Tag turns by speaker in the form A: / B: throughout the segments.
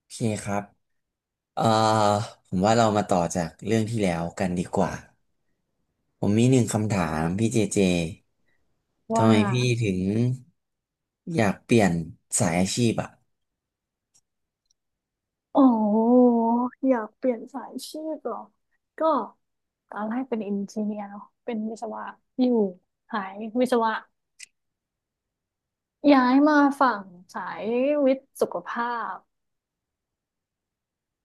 A: โอเคครับเอ่อผมว่าเรามาต่อจากเรื่องที่แล้วกันดีกว่าผมมีหนึ่งคำถามพี่เจเจ ทำ
B: ว่า
A: ไมพี่ถึงอยากเปลี่ยนสายอาชีพอ่ะ
B: โอ๋ออยากเปลี่ยนสายชีพเหรอ ก็ตอนแรกเป็นอินจ n เนียร์เนาะเป็นวิศวะอยู่สายวิศวะย้ายมาฝั่งสายวิทย์สุขภาพ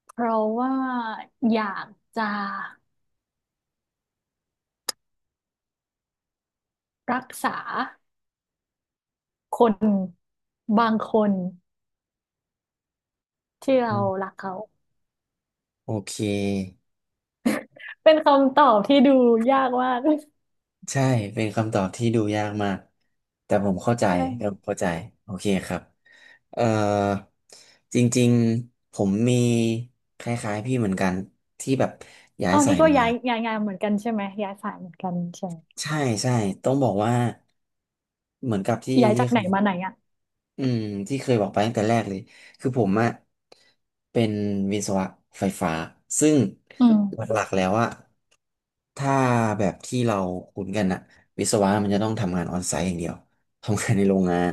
B: เพราะว่าอยากจะรักษาคนบางคนที่เรา
A: อืม
B: รักเขา
A: โอเค
B: เป็นคำตอบที่ดูยากมาก
A: ใช่ เป็นคำตอบที่ดูยากมาก แต่ผมเข้าใจแต่ผ
B: ใช่
A: มเข้าใจโอเคครับเอ่อจริงๆ ผมมีคล้ายๆพี่เหมือนกันที่แบบย้าย
B: เอา
A: สา
B: นี่
A: ย
B: ก็
A: มา
B: ย้ายงานเหมือนกันใช่ไหมย้ายสายเหมือนกันใช่ไหม
A: ใช่ใช่ต้องบอกว่า เหมือนกับที่
B: ย้าย
A: ที่
B: จากไหนมาไหนอ่ะ
A: อืมที่เคยบอกไปตั้งแต่แรกเลย คือผมอะเป็นวิศวะไฟฟ้า ซึ่ง
B: อืม
A: หลักๆแล้วอะถ้าแบบที่เราคุ้นกันอะวิศวะมันจะต้องทำงานออนไซต์อย่างเดียวทำงานในโรงงาน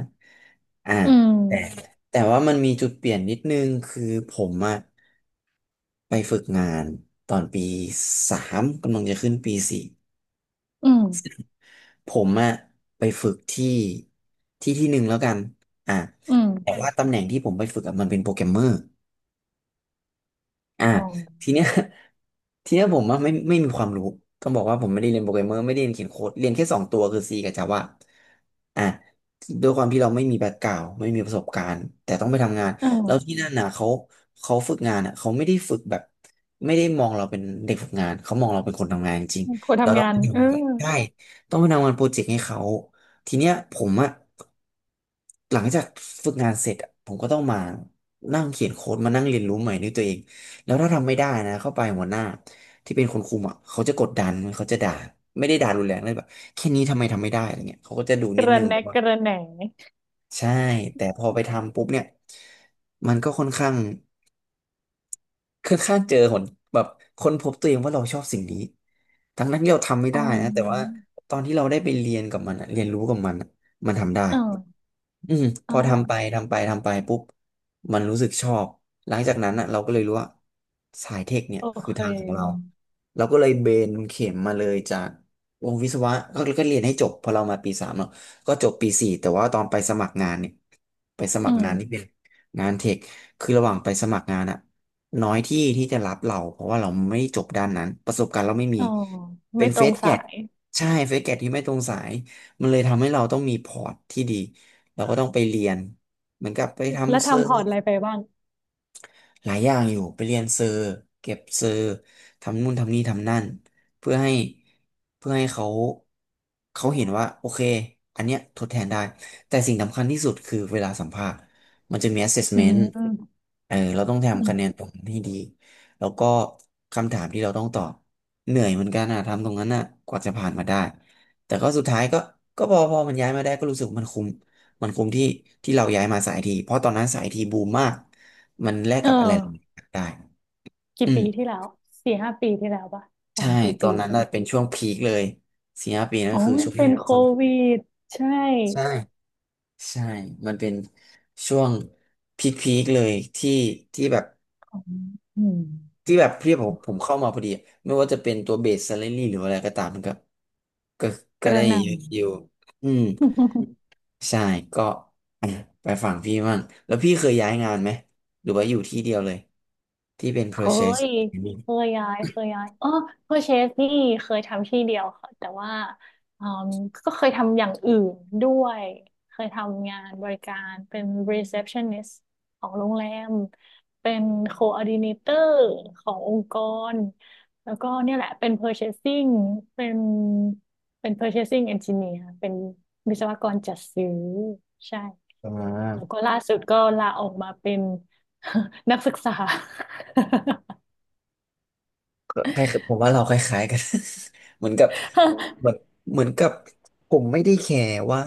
A: อ่า
B: อื
A: แต่
B: ม
A: แต่ว่ามันมีจุดเปลี่ยนนิดนึงคือผมอะไปฝึกงานตอนปีสามกำลังจะขึ้นปีสี่
B: อืม
A: ผมอะไปฝึกที่ที่ที่หนึ่งแล้วกันอ่า
B: อื
A: แต่
B: ม
A: ว่าตำแหน่งที่ผมไปฝึกอะมันเป็นโปรแกรมเมอร์ อ่า
B: อ๋อ
A: ทีเนี้ย ทีเนี้ยผมอะไม่มีความรู้ต้องบอกว่าผมไม่ได้เรียนโปรแกรมเมอร์ไม่ได้เรียนเขียนโค้ดเรียนแค่สองตัวคือ C กับ Java อ่าด้วยความที่เราไม่มีแบ็กกราวด์ไม่มีประสบการณ์แต่ต้องไปทำงาน
B: เออ
A: แล้วที่นั่นน่ะเขาเขาฝึกงานอ่ะเขาไม่ได้ฝึกแบบไม่ได้มองเราเป็นเด็กฝึกงานเขามองเราเป็นคนทำงานจริง
B: คน
A: เรา
B: ทำ
A: ต้อ
B: งา
A: งไป
B: น
A: อท
B: เออ
A: ำใช่ต้องไปทำงานโปรเจกต์ให้เขาทีเนี้ยผมอ่ะ หลังจากฝึกงานเสร็จอะผมก็ต้องมานั่งเขียนโค้ดมานั่งเรียนรู้ใหม่ด้วยตัวเองแล้วถ้าทำไม่ได้นะเข้าไปหัวหน้าที่เป็นคนคุมอ่ะเขาจะกดดันเขาจะด่าไม่ได้ด่ารุนแรงเลยแบบแค่นี้ทำไมทำไม่ได้อะไรเงี้ยเขาก็จะดู
B: ก
A: นิด
B: ระ
A: นึง
B: แนะ
A: ว่า
B: กระแหน
A: ใช่แต่พอไปทำปุ๊บเนี่ยมันก็ค่อนข้างเจอหนแบบค้นพบตัวเองว่าเราชอบสิ่งนี้ทั้งนั้นที่เราทำไม่
B: อ๋
A: ได้นะแต่ว่า
B: อ
A: ตอนที่เราได้ไปเรียนกับมันอะเรียนรู้กับมันอะมันทำได้
B: เออ
A: อืมพ
B: อ๋อ
A: อทำไปทำไปทำไปปุ๊บมันรู้สึกชอบหลังจากนั้นอ่ะเราก็เลยรู้ว่าสายเทคเนี่ย
B: โอ
A: คือ
B: เค
A: ทางของเราเราก็เลยเบนเข็มมาเลยจากวงวิศวะก็เรียนให้จบพอเรามาปีสามเนาะก็จบปีสี่แต่ว่าตอนไปสมัครงานเนี่ยไปสมั
B: อื
A: คร
B: ม
A: งานนี่เป็นงานเทคคือระหว่างไปสมัครงานอะน้อยที่จะรับเราเพราะว่าเราไม่จบด้านนั้นประสบการณ์เราไม่มี
B: อ๋อ
A: เป็
B: ไม่
A: น
B: ต
A: เฟ
B: รง
A: สแก
B: สา
A: ต
B: ย
A: ใช่เฟสแกตที่ไม่ตรงสาย มันเลยทำให้เราต้องมีพอร์ตที่ดีเราก็ต้องไปเรียนเหมือนกับไป
B: แล้ว
A: ทำเซอ
B: ทำ
A: ร์
B: พอร์ตอะไรไปบ้าง
A: หลายอย่างอยู่ไปเรียนเซอร์เก็บเซอร์ทำนู่นทำนี่ทำนั่นเพื่อให้เพื่อให้เขาเขาเห็นว่าโอเคอันเนี้ยทดแทนได้แต่สิ่งสำคัญที่สุดคือเวลาสัมภาษณ์มันจะมี
B: อืม
A: assessment
B: อื
A: เออเราต้องทำคะแน
B: ม
A: นตรงนั้นให้ดีแล้วก็คำถามที่เราต้องตอบเหนื่อยเหมือนกันอะทำตรงนั้นอะกว่าจะผ่านมาได้แต่ก็สุดท้ายก็ก็พอมันย้ายมาได้ก็รู้สึกมันคุ้มมันคุ้มที่ที่เราย้ายมาสายทีเพราะตอนนั้นสายทีบูมมาก มันแลก
B: เอ
A: กับอะไรหลายๆอ
B: อ
A: ย่างได้
B: กี่
A: อืม
B: ปีที่แล้วสี่ห้าปีที่แล้วป่ะสา
A: ใช่
B: มสี่
A: ตอ
B: ปี
A: นนั้
B: ที่
A: น
B: แล้
A: น่ะ
B: ว
A: เป็นช่วงพีคเลยสี่ห้าปีนั่
B: อ๋
A: น
B: อ
A: คือ
B: มั
A: ช่
B: น
A: วงที่
B: เป็นโค
A: ก่อน
B: วิดใช่
A: ใช่ใช่มันเป็นช่วงพีคเลยที่ที่แบบ
B: อ๋ออืม
A: ที่แบบพี่ผมเข้ามาพอดีไม่ว่าจะเป็นตัวเบส s ซ l ล r y หรืออะไรก็ตามมันก็ก็
B: ก
A: ก็ได้
B: ระหน่
A: เยอะอยู่อืม
B: ำ
A: ใช่ก็อ่ะไปฝั่งพี่บ้างแล้วพี่เคยย้ายงานไหมหรือว่าอยู่ที่เดียวเลยที่เป็น p
B: เค
A: r o c e s s
B: ย เคยย้ายเออเพอร์เชสนี่เคยทำที่เดียวค่ะแต่ว่าอืมก็เคยทำอย่างอื่นด้วย เคยทำงานบริการเป็น receptionist ของโรงแรม เป็น coordinator ขององค์กร แล้วก็เนี่ยแหละ เป็น purchasing เชสซิ่งเป็นเป็น purchasing engineer เชสซิ่งเอนจิเนียร์เป็นวิศวกรจัดซื้อ ใช่
A: อ่
B: แล้วก็
A: า
B: ล่าสุดก็ลาออกมาเป็น นักศึกษา
A: ก็คล้ายผมว่าเราคล้ายๆกัน เหมือนกับเห
B: เ
A: มือนเหมือนกับผมไม่ได้แคร์ว่า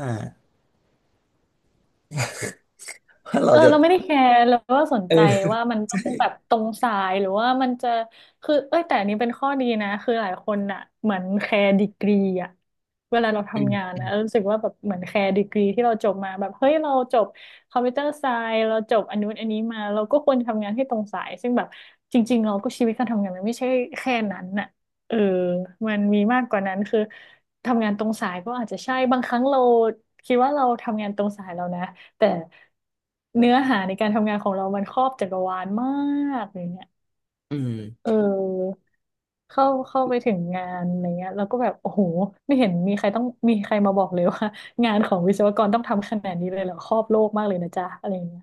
A: ว่า
B: อ
A: เรา
B: อ
A: จะ
B: เราไม่ได้แคร์แล้วก็สน
A: เออ
B: ใจ ว่ามันต้อ
A: ใช่
B: งแบบตรงสายหรือว่ามันจะคือเอ้ยแต่อันนี้เป็นข้อดีนะคือหลายคนอ่ะเหมือนแคร์ดีกรีอ่ะเวลาเรา
A: อืม
B: ทำงาน
A: อื
B: อะ
A: ม
B: เรารู้สึกว่าแบบเหมือนแคร์ดีกรีที่เราจบมาแบบเฮ้ยเราจบคอมพิวเตอร์ไซน์เราจบอันนู้นอันนี้มาเราก็ควรทำงานให้ตรงสายซึ่งแบบจริงๆเราก็ชีวิตการทำงานมันไม่ใช่แค่นั้นน่ะเออมันมีมากกว่านั้นคือทำงานตรงสายก็อาจจะใช่บางครั้งเราคิดว่าเราทำงานตรงสายแล้วนะ แต่เนื้อหาในการทำงานของเรามันครอบจักรวาลมากอย่างเงี้ย
A: อืม
B: เออเข้าไปถึงงานอะไรเงี้ยแล้วก็แบบโอ้โหไม่เห็นมีใครมาบอกเลยว่างานของวิศวกรต้องทำขนาดนี้เลยเหรอครอบโลกมากเลยนะจ๊ะอะไรเงี้ย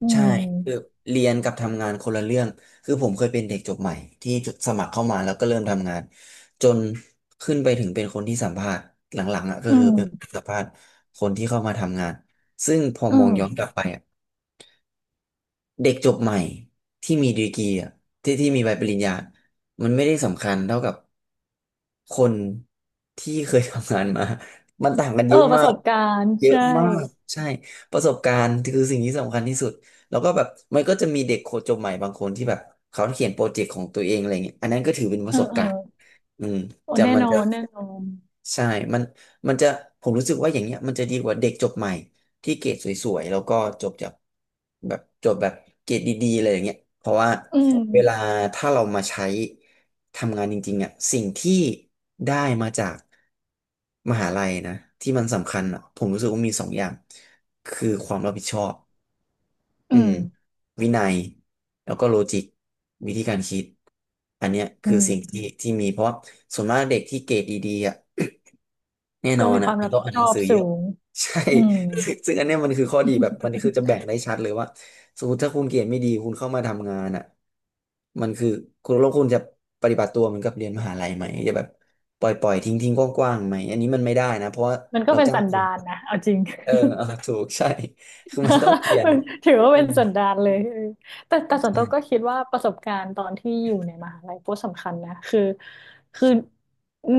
B: อื
A: ใช่คือ
B: ม
A: เรียนกับทำงานคนละเรื่องคือผมเคยเป็นเด็กจบใหม่ที่จดสมัครเข้ามาแล้วก็เริ่มทำงานจนขึ้นไปถึงเป็นคนที่สัมภาษณ์หลังๆอ่ะก็
B: อื
A: คือ
B: ม
A: เป็นสัมภาษณ์คนที่เข้ามาทำงานซึ่งพอ
B: อื
A: มอง
B: ม
A: ย้อนกลับไปอ่ะ เด็กจบใหม่ที่มีดีกรีอ่ะที่มีใบปริญญามันไม่ได้สำคัญเท่ากับคนที่เคยทำงานมา มันต่างกัน
B: เอ
A: เย
B: อ
A: อะ
B: ประ
A: มา
B: ส
A: ก
B: บการณ์
A: เยอะ
B: ใช่
A: มากใช่ประสบการณ์คือสิ่งที่สำคัญที่สุดแล้วก็แบบก็จะมีเด็กโคจบใหม่บางคนที่แบบเขาเขียนโปรเจกต์ของตัวเองอะไรเงี้ยอันนั้นก็ถือเป็นป
B: เอ
A: ระ
B: อ
A: สบ
B: เออ
A: การณ์อืม
B: โอ้
A: จะ
B: แน่
A: มัน
B: นอ
A: จะ
B: นแน่นอน
A: ใช่มันมันจะผมรู้สึกว่าอย่างเงี้ยมันจะดีกว่าเด็กจบใหม่ที่เกรดสวยๆแล้วก็จบจากแบบจบแบบเกรดดีๆเลยอย่างเงี้ยเพราะว่า
B: อืม
A: เวลาถ้าเรามาใช้ทำงานจริงๆอ่ะสิ่งที่ได้มาจากมหาลัยนะที่มันสำคัญอ่ะผมรู้สึกว่ามีสองอย่างคือความรับผิดชอบ
B: อื
A: อื
B: ม
A: มวินัยแล้วก็โลจิกวิธีการคิดอันเนี้ย
B: อื
A: คือสิ่ง
B: ม
A: ที่ที่มีเพราะว่าส่วนมากเด็กที่เกรดดีๆอ่ะ แน่น
B: ก็
A: อน
B: มีค
A: อ่ะ
B: วาม
A: มั
B: รั
A: น
B: บ
A: ต้อง
B: ผิด
A: อ่าน
B: ช
A: ห
B: อ
A: นัง
B: บ
A: สือเย
B: สู
A: อะ
B: ง
A: ใช่
B: อืม
A: ซึ่งอันเนี้ยมันคือข้อดีแบบมันคือจะ แบ่งได้ชัดเลยว่าสมมติถ้าคุณเกรดไม่ดีคุณเข้ามาทำงานอ่ะมันคือคุณแล้วคุณจะปฏิบัติตัวเหมือนกับเรียนมหาลัยไหมจะแบบปล่อยทิ้งกว้างๆไหมอันนี้มันไม่ได้นะเพราะว่า
B: มันก็
A: เรา
B: เป็น
A: จ้าง
B: สัน
A: คุณ
B: ดานนะเอาจริง
A: เออถูกใช่คือมันต้องเปลี่ย น
B: มันถือว่า
A: อื
B: เป็น
A: ม
B: สันดานเลยเออแต่ส่วนตัวก็
A: ใช่
B: คิดว่าประสบการณ์ตอนที่อยู่ในมหาลัยก็สำคัญนะคือคือ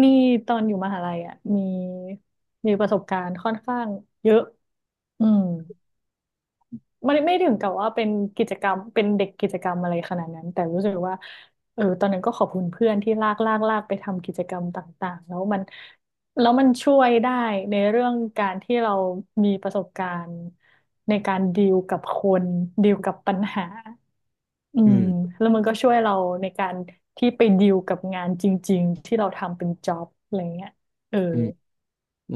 B: นี่ตอนอยู่มหาลัยอ่ะมีประสบการณ์ค่อนข้างเยอะอืม ไม่ถึงกับว่าเป็นกิจกรรมเป็นเด็กกิจกรรมอะไรขนาดนั้นแต่รู้สึกว่าเออตอนนั้นก็ขอบคุณเพื่อนที่ลากลากลากไปทำกิจกรรมต่างๆแล้วมันช่วยได้ในเรื่องการที่เรามีประสบการณ์ในการดีลกับคนดีลกับปัญหาอื
A: อื
B: ม
A: ม
B: แล้วมันก็ช่วยเราในการที่ไปดีลกับงานจริงๆที่เราทำเป็นจ็อบอะไรเงี้ยเออ
A: อืม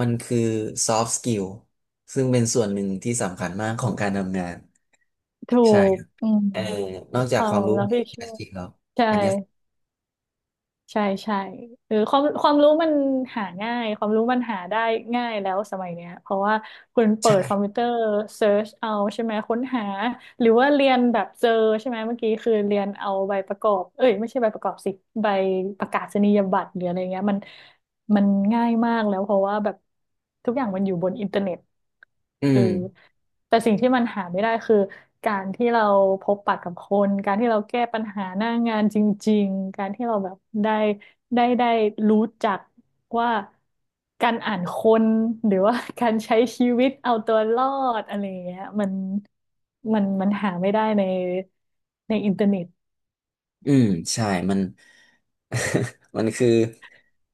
A: มันคือ soft skill ซึ่งเป็นส่วนหนึ่งที่สำคัญมากของการทำงาน
B: ถู
A: ใช่
B: กอืม
A: เออนอก
B: ค
A: จาก
B: วา
A: ควา
B: ม
A: มรู้
B: รับ
A: ใน
B: ผิด
A: วิ
B: ชอ
A: ชา
B: บ
A: ชีพแล้ว
B: ใช่
A: อันเนี้ย
B: ใช่ใช่เออความรู้มันหาง่ายความรู้มันหาได้ง่ายแล้วสมัยเนี้ยเพราะว่าคุณเปิดคอมพิว
A: ใช่
B: เตอร์เซิร์ชเอาใช่ไหมค้นหาหรือว่าเรียนแบบเจอใช่ไหมเมื่อกี้คือเรียนเอาใบประกอบเอ้ยไม่ใช่ใบประกอบสิใบประกาศนียบัตรหรืออะไรเงี้ยมันง่ายมากแล้วเพราะว่าแบบทุกอย่างมันอยู่บนอินเทอร์เน็ต
A: อื
B: เื
A: ม
B: อแต่สิ่งที่มันหาไม่ได้คือการที่เราพบปะกับคนการที่เราแก้ปัญหาหน้างานจริงๆการที่เราแบบได้ได้รู้จักว่าการอ่านคนหรือว่า การใช้ชีวิตเอาตัวรอดอะไรอย่างเงี้ยมันหาไม่ได้ในอินเทอร์เน็ต
A: อืมใช่มัน มันคือ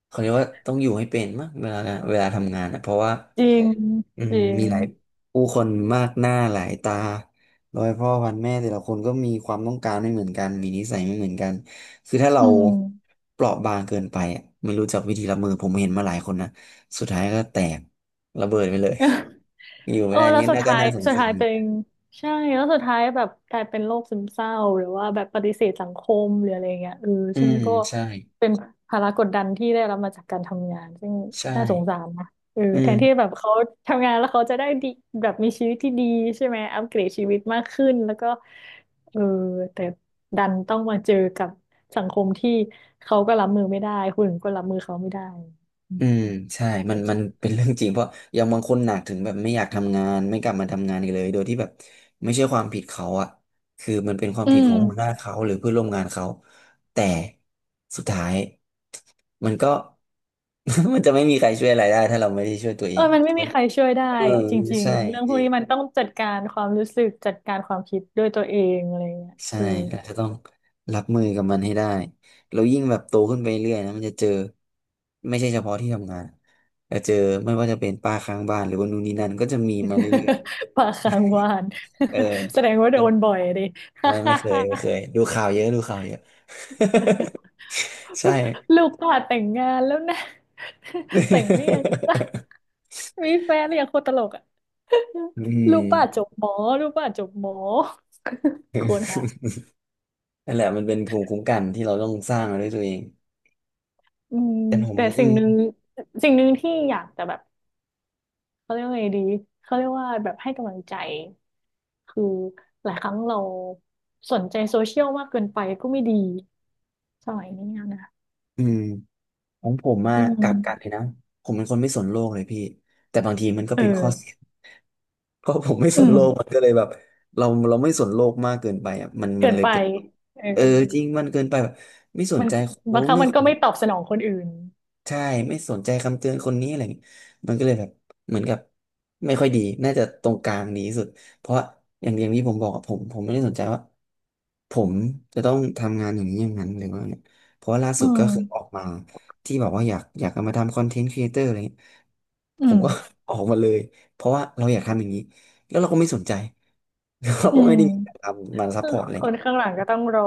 A: เขาเรียกว่าต้องอยู่ให้เป็นมากเวลาทำงานอ่ะเพราะว่า
B: จริง
A: อื
B: จ
A: ม
B: ริง
A: มีหลายผู้คนมากหน้าหลายตาร้อยพ่อพันแม่แต่ละคนก็มีความต้องการไม่เหมือนกันมีนิสัยไม่เหมือนกันคือถ้าเรา
B: อืม
A: เปราะบางเกินไปอ่ะไม่รู้จักวิธีรับมือผมเห็นมาหลายคนนะสุดท้ายก็แตกระเบิดไปเลย อยู่
B: เอ
A: ไม่
B: อ
A: ได้
B: แล้ว
A: นี่
B: สุด
A: น่าก็
B: ท้าย
A: น่าสง
B: สุด
A: สา
B: ท้าย
A: ร
B: เป็นใช่แล้วสุดท้ายแบบกลายเป็นโรคซึมเศร้าหรือว่าแบบปฏิเสธสังคมหรืออะไรเงี้ยเออ
A: อื
B: ซึ่ง
A: ม
B: ก็
A: ใช่
B: เป็นภาระกดดันที่ได้รับมาจากการทำงานซึ่ง
A: ใช่
B: น่าสงสารนะเออ
A: อื
B: แทนที่
A: ม
B: แบบเขาทำงานแล้วเขาจะได้ดีแบบมีชีวิตที่ดีใช่ไหมอัปเกรดชีวิตมากขึ้นแล้วก็เออแต่ดันต้องมาเจอกับสังคมที่เขาก็รับมือไม่ได้คนอื่นก็รับมือเขาไม่ได้อืม
A: อืมใช่
B: น่า
A: มั
B: ส
A: น
B: ง
A: มั
B: สา
A: น
B: ร
A: เป็นเรื่องจริงเพราะอย่างบางคนหนักถึงแบบไม่อยากทำงานไม่กลับมาทำงานอีกเลยโดยที่แบบไม่ใช่ความผิดเขาอะคือมันเป็นความ
B: อื
A: ผิดขอ
B: ม
A: งหัวหน้าเขาหรือเพื่อนร่วมงานเขาแต่สุดท้ายมันก็ มันจะไม่มีใครช่วยอะไรได้ถ้าเราไม่ได้ช่วยตัวเอ
B: เออ
A: ง
B: มันไม่มีใครช่วยได้
A: เออ
B: จริง
A: ใช่
B: ๆ เรื่อง
A: จ
B: พวก
A: ริง
B: นี้มันต้องจัดการความรู้สึกจัดการความคิดด้วยตัวเองอะไรเงี้ย
A: ใช่
B: เออ
A: เราจะต้องรับมือกับมันให้ได้ เรายิ่งแบบโตขึ้นไปเรื่อยนะมันจะเจอไม่ใช่เฉพาะที่ทำงานแต่เจอไม่ว่าจะเป็นป้าข้างบ้านหรือว่านู่นนี่นั่นก็จะมีมาเรื่อย
B: ปากค้างวาน
A: ๆเออ
B: แสดงว่าโดนบ่อยดิ
A: ไม่เคยไม่เคยดูข่าวเยอะดูข่าวเยอะ ใช่
B: ลูกก็แต่งงานแล้วนะ แต่งหรือยังจ๊ะ มีแฟนหรือยังโคตรตลกอ่ะ
A: อืม
B: ลูกป้าจบหมอลูกป้าจบหมอ โคนหา
A: นั่นแหละมันเป็นภูมิคุ้มกันที่เราต้องสร้างมาด้วยตัวเอง
B: อืม
A: แต่ผม
B: แต่
A: อื
B: สิ่ง
A: ม
B: หนึ่งสิ่งหนึ่งที่อยากจะแบบ เขาเรียกว่าไงดีเขาเรียกว่าแบบให้กำลังใจคือหลายครั้งเราสนใจโซเชียลมากเกินไปก็ไม่ดีสมัยนี้อนะ
A: อืม ของผมมา
B: อื
A: กลั
B: ม
A: บกันเลยนะผมเป็นคนไม่สนโลกเลยพี่แต่บางทีมันก็
B: เอ
A: เป็นข้อเสีย
B: อ
A: เพราะผมไม่ส
B: อื
A: น
B: ม
A: โลกมันก็เลยแบบเราไม่สนโลกมากเกินไปอ่ะมันมั
B: เกิ
A: น
B: น
A: เลย
B: ไป
A: เป็น
B: เออ
A: เออจริงมันเกินไปแบบไม่สน
B: มัน
A: ใจคนรู้
B: บางค
A: น
B: รั้ง
A: ไม่
B: มันก็ไม่ตอบสนองคนอื่น
A: ใช่ไม่สนใจคำเตือนคนนี้อะไรอย่างงี้มันก็เลยแบบเหมือนกับไม่ค่อยดีน่าจะตรงกลางดีที่สุดเพราะอย่างอย่างที่ผมบอกอะผมไม่ได้สนใจว่าผมจะต้องทำงานอย่างนี้อย่างนั้นหรือว่าเนี่ยเพราะว่าล่า
B: อื
A: สุดก็
B: ม
A: คือออกมาที่บอกว่าอยากจะมาทำคอนเทนต์ครีเอเตอร์อะไรเงี้ย
B: อื
A: ผม
B: ม
A: ก็ ออกมาเลยเพราะว่าเราอยากทำอย่างนี้แล้วเราก็ไม่สนใจ เรา
B: อื
A: ก็ไม่
B: ม
A: ได้มีการทำมาซัพพอร์ตอะไร
B: คนข้างหลังก็ต้องรอ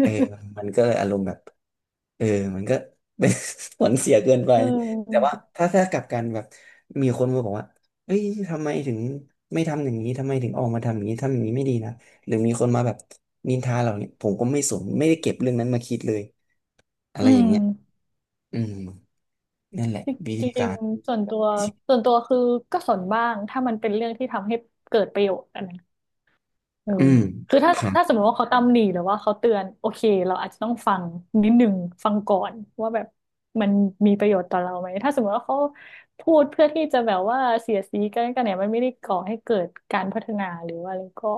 A: เออมันก็เลยอารมณ์แบบเออมันก็ เป็น ผลเสียเกินไป
B: อืม
A: แต่ ว่าถ้ากลับกันแบบมีคนมาบอกว่าเอ้ยทำไมถึงไม่ทำอย่างนี้ทำไมถึงออกมาทำอย่างนี้ ทำอย่างนี้ไม่ดีนะ หรือมีคนมาแบบนินทาเราเนี่ยผมก็ไม่สนไม่ได้เก็บเรื่องนั้นมาคิดเลย อะ
B: อื
A: ไรอย่าง
B: ม
A: เงี้ยอืมนั่นแหละวิ
B: จ
A: ธี
B: ริงจริ
A: กา
B: ง
A: ร
B: ๆส่วนตัวคือก็สนบ้างถ้ามันเป็นเรื่องที่ทำให้เกิดประโยชน์อันนั้น เออ
A: อืม
B: คือถ้า
A: ครับ
B: ถ้าสมมติว่าเขาตำหนิหรือว่าเขาเตือนโอเคเราอาจจะต้องฟังนิดหนึ่งฟังก่อนว่าแบบมันมีประโยชน์ต่อเราไหมถ้าสมมติว่าเขาพูดเพื่อที่จะแบบว่าเสียดสีกันเนี่ยมันไม่ได้ก่อให้เกิดการพัฒนาหรือว่าอะไรก็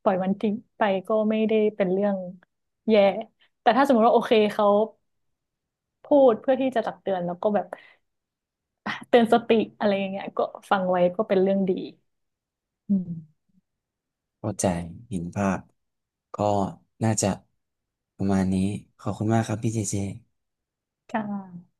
B: ปล่อยมันทิ้งไปก็ไม่ได้เป็นเรื่องแย่แต่ถ้าสมมติว่าโอเคเขาพูดเพื่อที่จะตักเตือนแล้วก็แบบเตือนสติอะไรอย่างเงี้ยก็ฟังไว้ก็เป็นเรื่องดีอืม
A: เข้าใจเห็นภาพ ก็น่าจะประมาณนี้ ขอบคุณมากครับพี่เจเจ
B: ค่ะ